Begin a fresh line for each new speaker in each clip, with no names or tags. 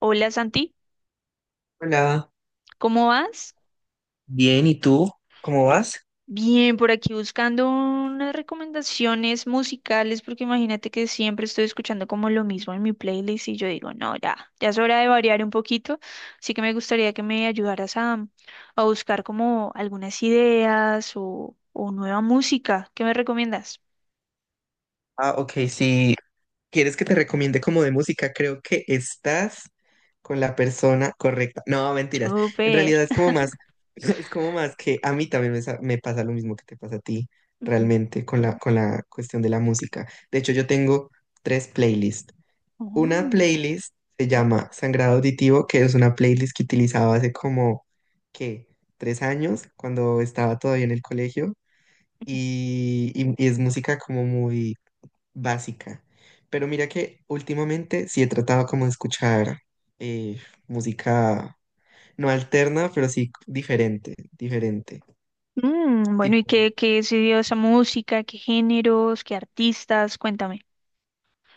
Hola Santi,
Hola,
¿cómo vas?
bien, ¿y tú? ¿Cómo vas?
Bien, por aquí buscando unas recomendaciones musicales porque imagínate que siempre estoy escuchando como lo mismo en mi playlist y yo digo, no, ya es hora de variar un poquito, así que me gustaría que me ayudaras a buscar como algunas ideas o nueva música. ¿Qué me recomiendas?
Ah, ok, si quieres que te recomiende como de música, creo que estás con la persona correcta. No, mentiras. En
Súper.
realidad es como más, es como más que a mí también me pasa lo mismo que te pasa a ti,
Ujú.
realmente, con la cuestión de la música. De hecho, yo tengo tres playlists.
Oh,
Una playlist se
ujú,
llama Sangrado Auditivo, que es una playlist que utilizaba hace como, ¿qué? Tres años, cuando estaba todavía en el colegio
ujú.
y es música como muy básica. Pero mira que últimamente sí he tratado como de escuchar eh, música no alterna, pero sí diferente, diferente.
Bueno, ¿y
Tipo,
qué es esa música? ¿Qué géneros? ¿Qué artistas? Cuéntame.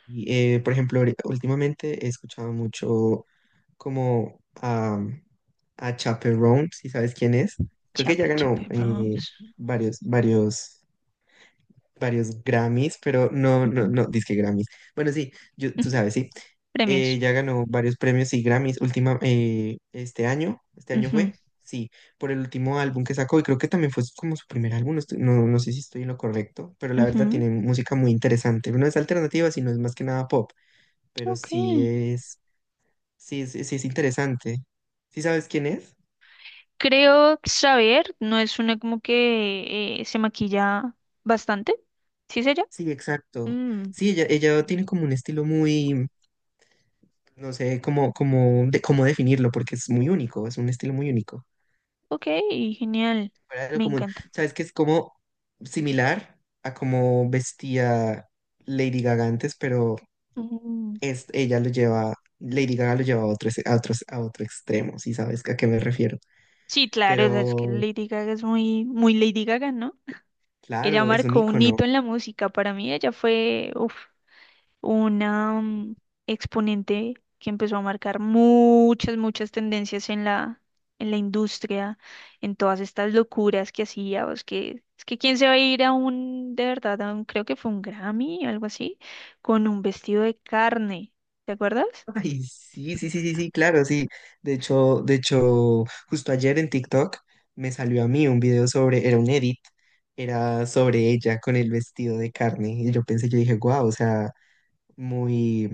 por ejemplo, últimamente he escuchado mucho como a Chappell Roan, si sabes quién es. Creo que ya
Chape,
ganó
chape, Brahms.
varios, varios. varios Grammys, pero no, no,
Ujú.
no, dizque Grammys. Bueno, sí, yo, tú
Ujú.
sabes, sí.
Premios.
Ya ganó varios premios y Grammys este año
Ujú,
fue, sí, por el último álbum que sacó y creo que también fue como su primer álbum, no, no, no sé si estoy en lo correcto, pero la verdad
ujú.
tiene música muy interesante. No es alternativa, sino es más que nada pop, pero
Ok.
sí es interesante. ¿Sí sabes quién es?
Creo saber, no es una como que se maquilla bastante. ¿Sí es ella?
Sí, exacto.
Mm,
Sí, ella tiene como un estilo muy, no sé cómo definirlo, porque es muy único, es un estilo muy único.
ok, genial.
Fuera de lo
Me
común.
encanta.
¿Sabes que es como similar a cómo vestía Lady Gaga antes, pero
Ujú.
es, ella lo lleva, Lady Gaga lo lleva a otro extremo, si sabes a qué me refiero.
Sí, claro, o sea, es que
Pero
Lady Gaga es muy, muy Lady Gaga, ¿no? Ella
claro, es un
marcó un hito
icono.
en la música. Para mí ella fue, uf, una exponente que empezó a marcar muchas, muchas tendencias en la industria, en todas estas locuras que hacía, o es que quién se va a ir a un, de verdad, a un- creo que fue un Grammy algo así, con un vestido de carne, ¿te acuerdas?
Ay, sí, claro, sí. De hecho, justo ayer en TikTok me salió a mí un video sobre, era un edit, era sobre ella con el vestido de carne. Y yo pensé, yo dije, wow, o sea, muy,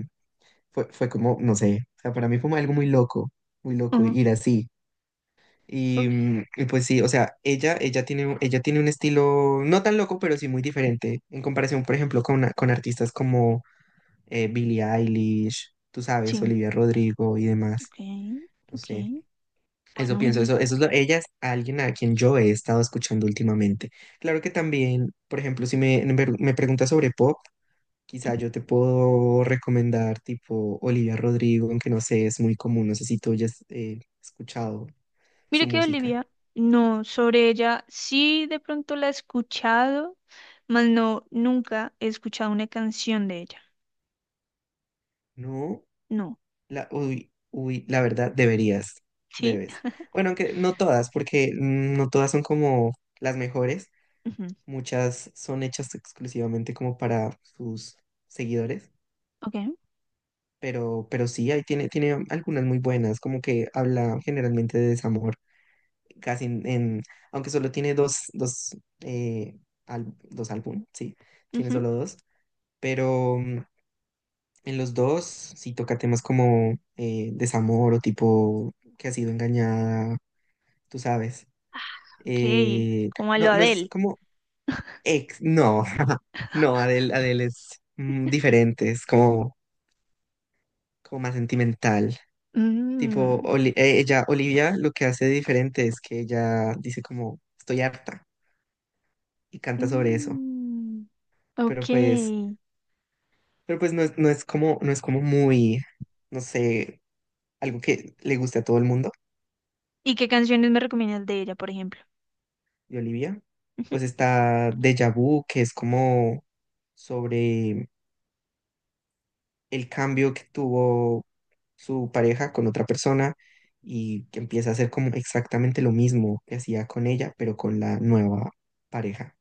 fue como, no sé, o sea, para mí fue algo muy loco
Ajá,
ir así.
ok.
Y, y pues sí, o sea, ella tiene un estilo no tan loco, pero sí muy diferente en comparación, por ejemplo, con artistas como Billie Eilish, tú sabes,
Sí,
Olivia Rodrigo y demás.
ok, ok,
Sí, eso
bueno,
pienso,
genial.
ella es alguien a quien yo he estado escuchando últimamente. Claro que también, por ejemplo, si me preguntas sobre pop, quizá
Ujú.
yo te puedo recomendar tipo Olivia Rodrigo, aunque no sé, es muy común, no sé si tú hayas escuchado
Mira
su
que
música.
Olivia, no, sobre ella sí de pronto la he escuchado, mas no, nunca he escuchado una canción de ella.
No,
No.
la, uy, uy, la verdad, deberías,
¿Sí?
debes. Bueno, aunque no todas, porque no todas son como las mejores,
Ujú.
muchas son hechas exclusivamente como para sus seguidores.
Ok.
Pero sí, ahí tiene, tiene algunas muy buenas, como que habla generalmente de desamor, casi en, en- aunque solo tiene dos álbum, sí, tiene
Ujú.
solo dos, pero en los dos sí toca temas como desamor o tipo que ha sido engañada, tú sabes.
Ok. Como lo
No, no es
Adele.
como no, no, Adele, Adele es diferente, es como, como más sentimental. Tipo,
Mm,
Olivia, lo que hace diferente es que ella dice como, estoy harta y canta sobre eso.
mm.
Pero
Ok.
pues,
¿Y
pero pues no es, no es como muy, no sé, algo que le guste a todo el mundo
qué canciones me recomiendas de ella, por ejemplo?
de Olivia.
Ujú,
Pues está Deja Vu, que es como sobre el cambio que tuvo su pareja con otra persona y que empieza a hacer como exactamente lo mismo que hacía con ella, pero con la nueva pareja.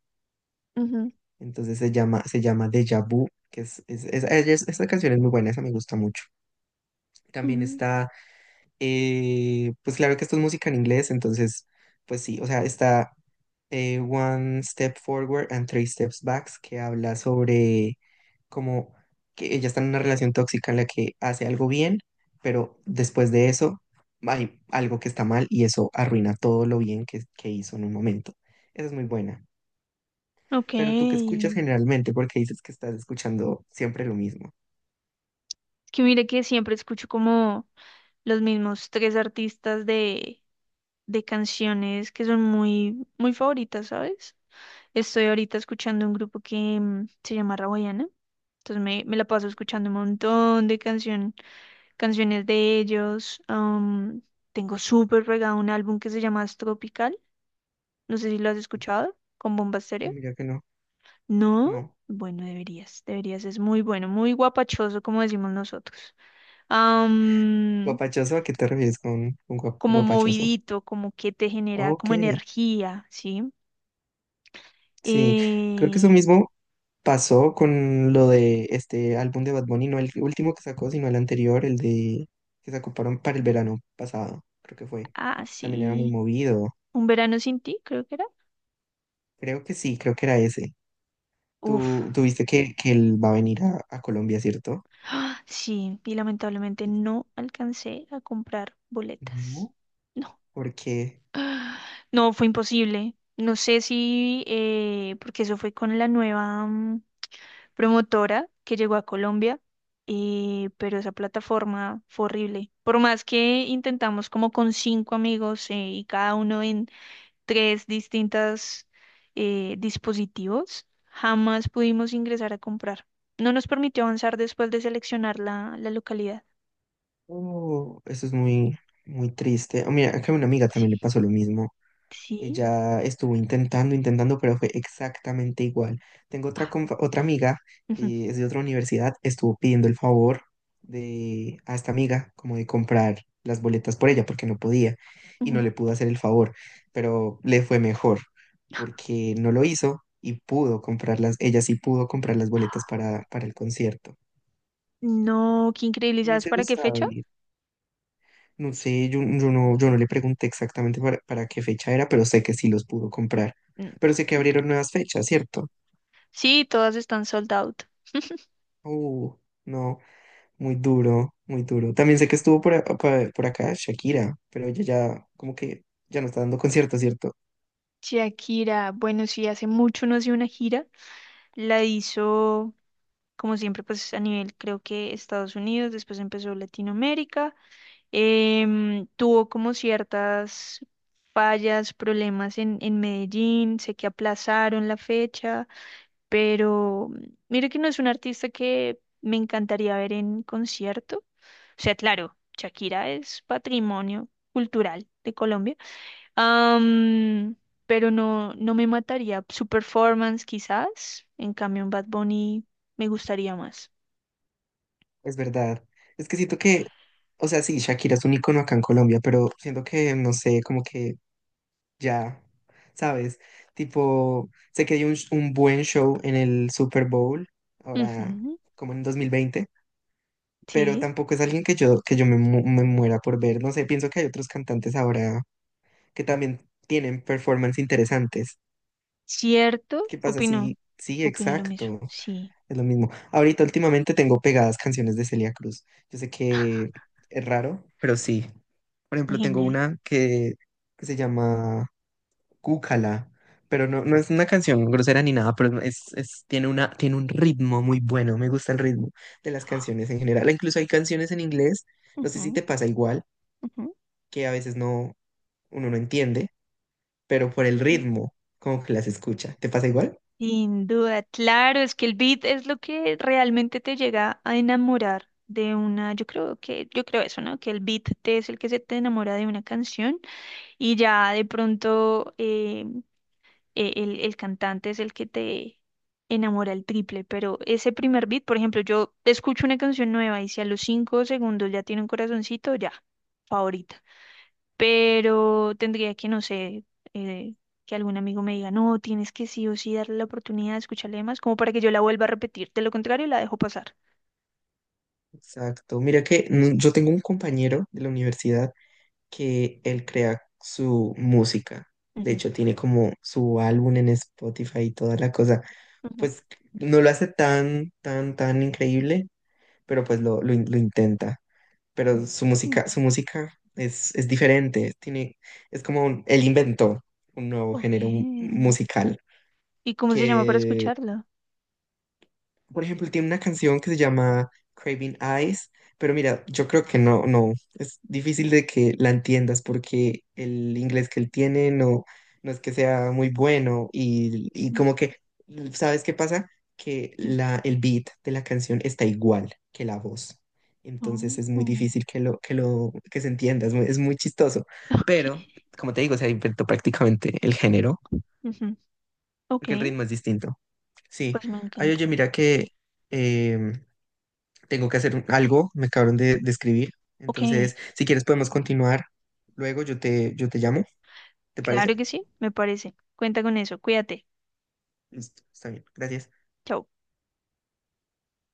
ujú,
Entonces se llama Deja Vu, que esta canción es muy buena, esa me gusta mucho. También
ujú.
está, pues claro que esto es música en inglés, entonces, pues sí, o sea, está One Step Forward and Three Steps Back, que habla sobre como que ella está en una relación tóxica en la que hace algo bien, pero después de eso hay algo que está mal y eso arruina todo lo bien que hizo en un momento. Esa es muy buena.
Ok.
Pero tú qué escuchas
Es
generalmente, porque dices que estás escuchando siempre lo mismo.
que mire que siempre escucho como los mismos tres artistas de canciones que son muy, muy favoritas, ¿sabes? Estoy ahorita escuchando un grupo que se llama Rawayana. Entonces me la paso escuchando un montón de canciones de ellos. Tengo súper pegado un álbum que se llama Astropical. No sé si lo has escuchado, con Bomba
No,
Estéreo.
mira que no,
No,
no.
bueno, deberías, deberías. Es muy bueno, muy guapachoso, como decimos nosotros. Am,
Guapachoso, ¿a qué te refieres con un
como
guapachoso?
movidito, como que te genera
Ok,
como energía, ¿sí?
sí. Creo que
Eh,
eso mismo pasó con lo de este álbum de Bad Bunny, no el último que sacó, sino el anterior, el de que sacó para el verano pasado, creo que fue.
ah,
También era muy
sí.
movido.
Un verano sin ti, creo que era.
Creo que sí, creo que era ese.
Uf.
Tú viste que él va a venir a Colombia, ¿cierto?
Sí, y lamentablemente no alcancé a comprar boletas.
No,
No.
porque
No, fue imposible. No sé si, porque eso fue con la nueva promotora que llegó a Colombia, pero esa plataforma fue horrible. Por más que intentamos como con cinco amigos y cada uno en tres distintas dispositivos, jamás pudimos ingresar a comprar. No nos permitió avanzar después de seleccionar la localidad.
oh, eso es muy, muy triste. Ah, mira, acá a una amiga
Sí,
también le pasó lo mismo.
sí.
Ella estuvo intentando, pero fue exactamente igual. Tengo otra,
Ah,
otra amiga
ujú,
que es de otra universidad, estuvo pidiendo el favor de, a esta amiga como de comprar las boletas por ella porque no podía y no
ujú.
le pudo hacer el favor, pero le fue mejor porque no lo hizo y pudo comprarlas, ella sí pudo comprar las boletas para el concierto.
No, qué increíble. ¿Y
Me
sabes
hubiese
para qué
gustado
fecha?
ir. No sé, yo no le pregunté exactamente para qué fecha era, pero sé que sí los pudo comprar.
No,
Pero sé que
qué
abrieron
increíble.
nuevas fechas, ¿cierto?
Sí, todas están sold out.
Uh, no, muy duro, muy duro. También sé que estuvo por acá Shakira, pero ella ya como que ya no está dando conciertos, ¿cierto?
Shakira, bueno, sí, hace mucho no hacía una gira. La hizo, como siempre, pues a nivel, creo que Estados Unidos, después empezó Latinoamérica. Tuvo como ciertas fallas, problemas en Medellín, sé que aplazaron la fecha, pero mire que no es un artista que me encantaría ver en concierto. O sea, claro, Shakira es patrimonio cultural de Colombia. Am, pero no, no me mataría. Su performance quizás, en cambio en Bad Bunny me gustaría más.
Es verdad. Es que siento que, o sea, sí, Shakira es un icono acá en Colombia, pero siento que, no sé, como que ya, ¿sabes? Tipo, sé que dio un, un buen show en el Super Bowl, ahora
Ujú.
como en 2020, pero
Sí,
tampoco es alguien que yo me muera por ver. No sé, pienso que hay otros cantantes ahora que también tienen performance interesantes.
cierto,
¿Qué pasa?
opino,
Sí, sí,
opino lo mismo.
exacto.
Sí,
Es lo mismo. Ahorita últimamente tengo pegadas canciones de Celia Cruz. Yo sé que es raro, pero sí. Por ejemplo, tengo
genial.
una que se llama Cúcala, pero no, no es una canción grosera ni nada, pero tiene una, tiene un ritmo muy bueno, me gusta el ritmo de las canciones en general. Incluso hay canciones en inglés, no sé
Ujú,
si te pasa igual,
ujú.
que a veces no, uno no entiende, pero por el ritmo, como que las escucha. ¿Te pasa igual?
Sin duda, claro, es que el beat es lo que realmente te llega a enamorar de una, yo creo eso, ¿no? Que el beat te es el que se te enamora de una canción y ya de pronto el cantante es el que te enamora el triple, pero ese primer beat, por ejemplo, yo escucho una canción nueva y si a los 5 segundos ya tiene un corazoncito, ya, favorita. Pero tendría que, no sé, eh, que algún amigo me diga, no, tienes que sí o sí darle la oportunidad de escucharle más, como para que yo la vuelva a repetir. De lo contrario, la dejo pasar.
Exacto. Mira que yo tengo un compañero de la universidad que él crea su música. De
Ujú,
hecho, tiene como su álbum en Spotify y toda la cosa
ujú,
pues no lo hace tan increíble, pero pues lo intenta. Pero su
ujú.
música, su música es diferente, tiene, es como un- él inventó un nuevo
Ok.
género musical
¿Y cómo se llama para
que
escucharla?
por ejemplo, él tiene una canción que se llama Craving Eyes, pero mira, yo creo que no, no, es difícil de que la entiendas porque el inglés que él tiene no, no es que sea muy bueno y
Mm,
como que, ¿sabes qué pasa? Que
dime.
la, el beat de la canción está igual que la voz. Entonces
Oh,
es muy
oh.
difícil que se entienda, es muy chistoso.
Ok.
Pero, como te digo, se inventó prácticamente el género,
Ujú. Ok,
porque el ritmo es distinto. Sí.
pues me
Ay,
encanta.
oye, mira que em, tengo que hacer algo, me acabaron de escribir.
Ok,
Entonces, si quieres podemos continuar. Luego yo te llamo, ¿te
claro
parece?
que sí, me parece. Cuenta con eso, cuídate.
Listo, está bien, gracias.
Chao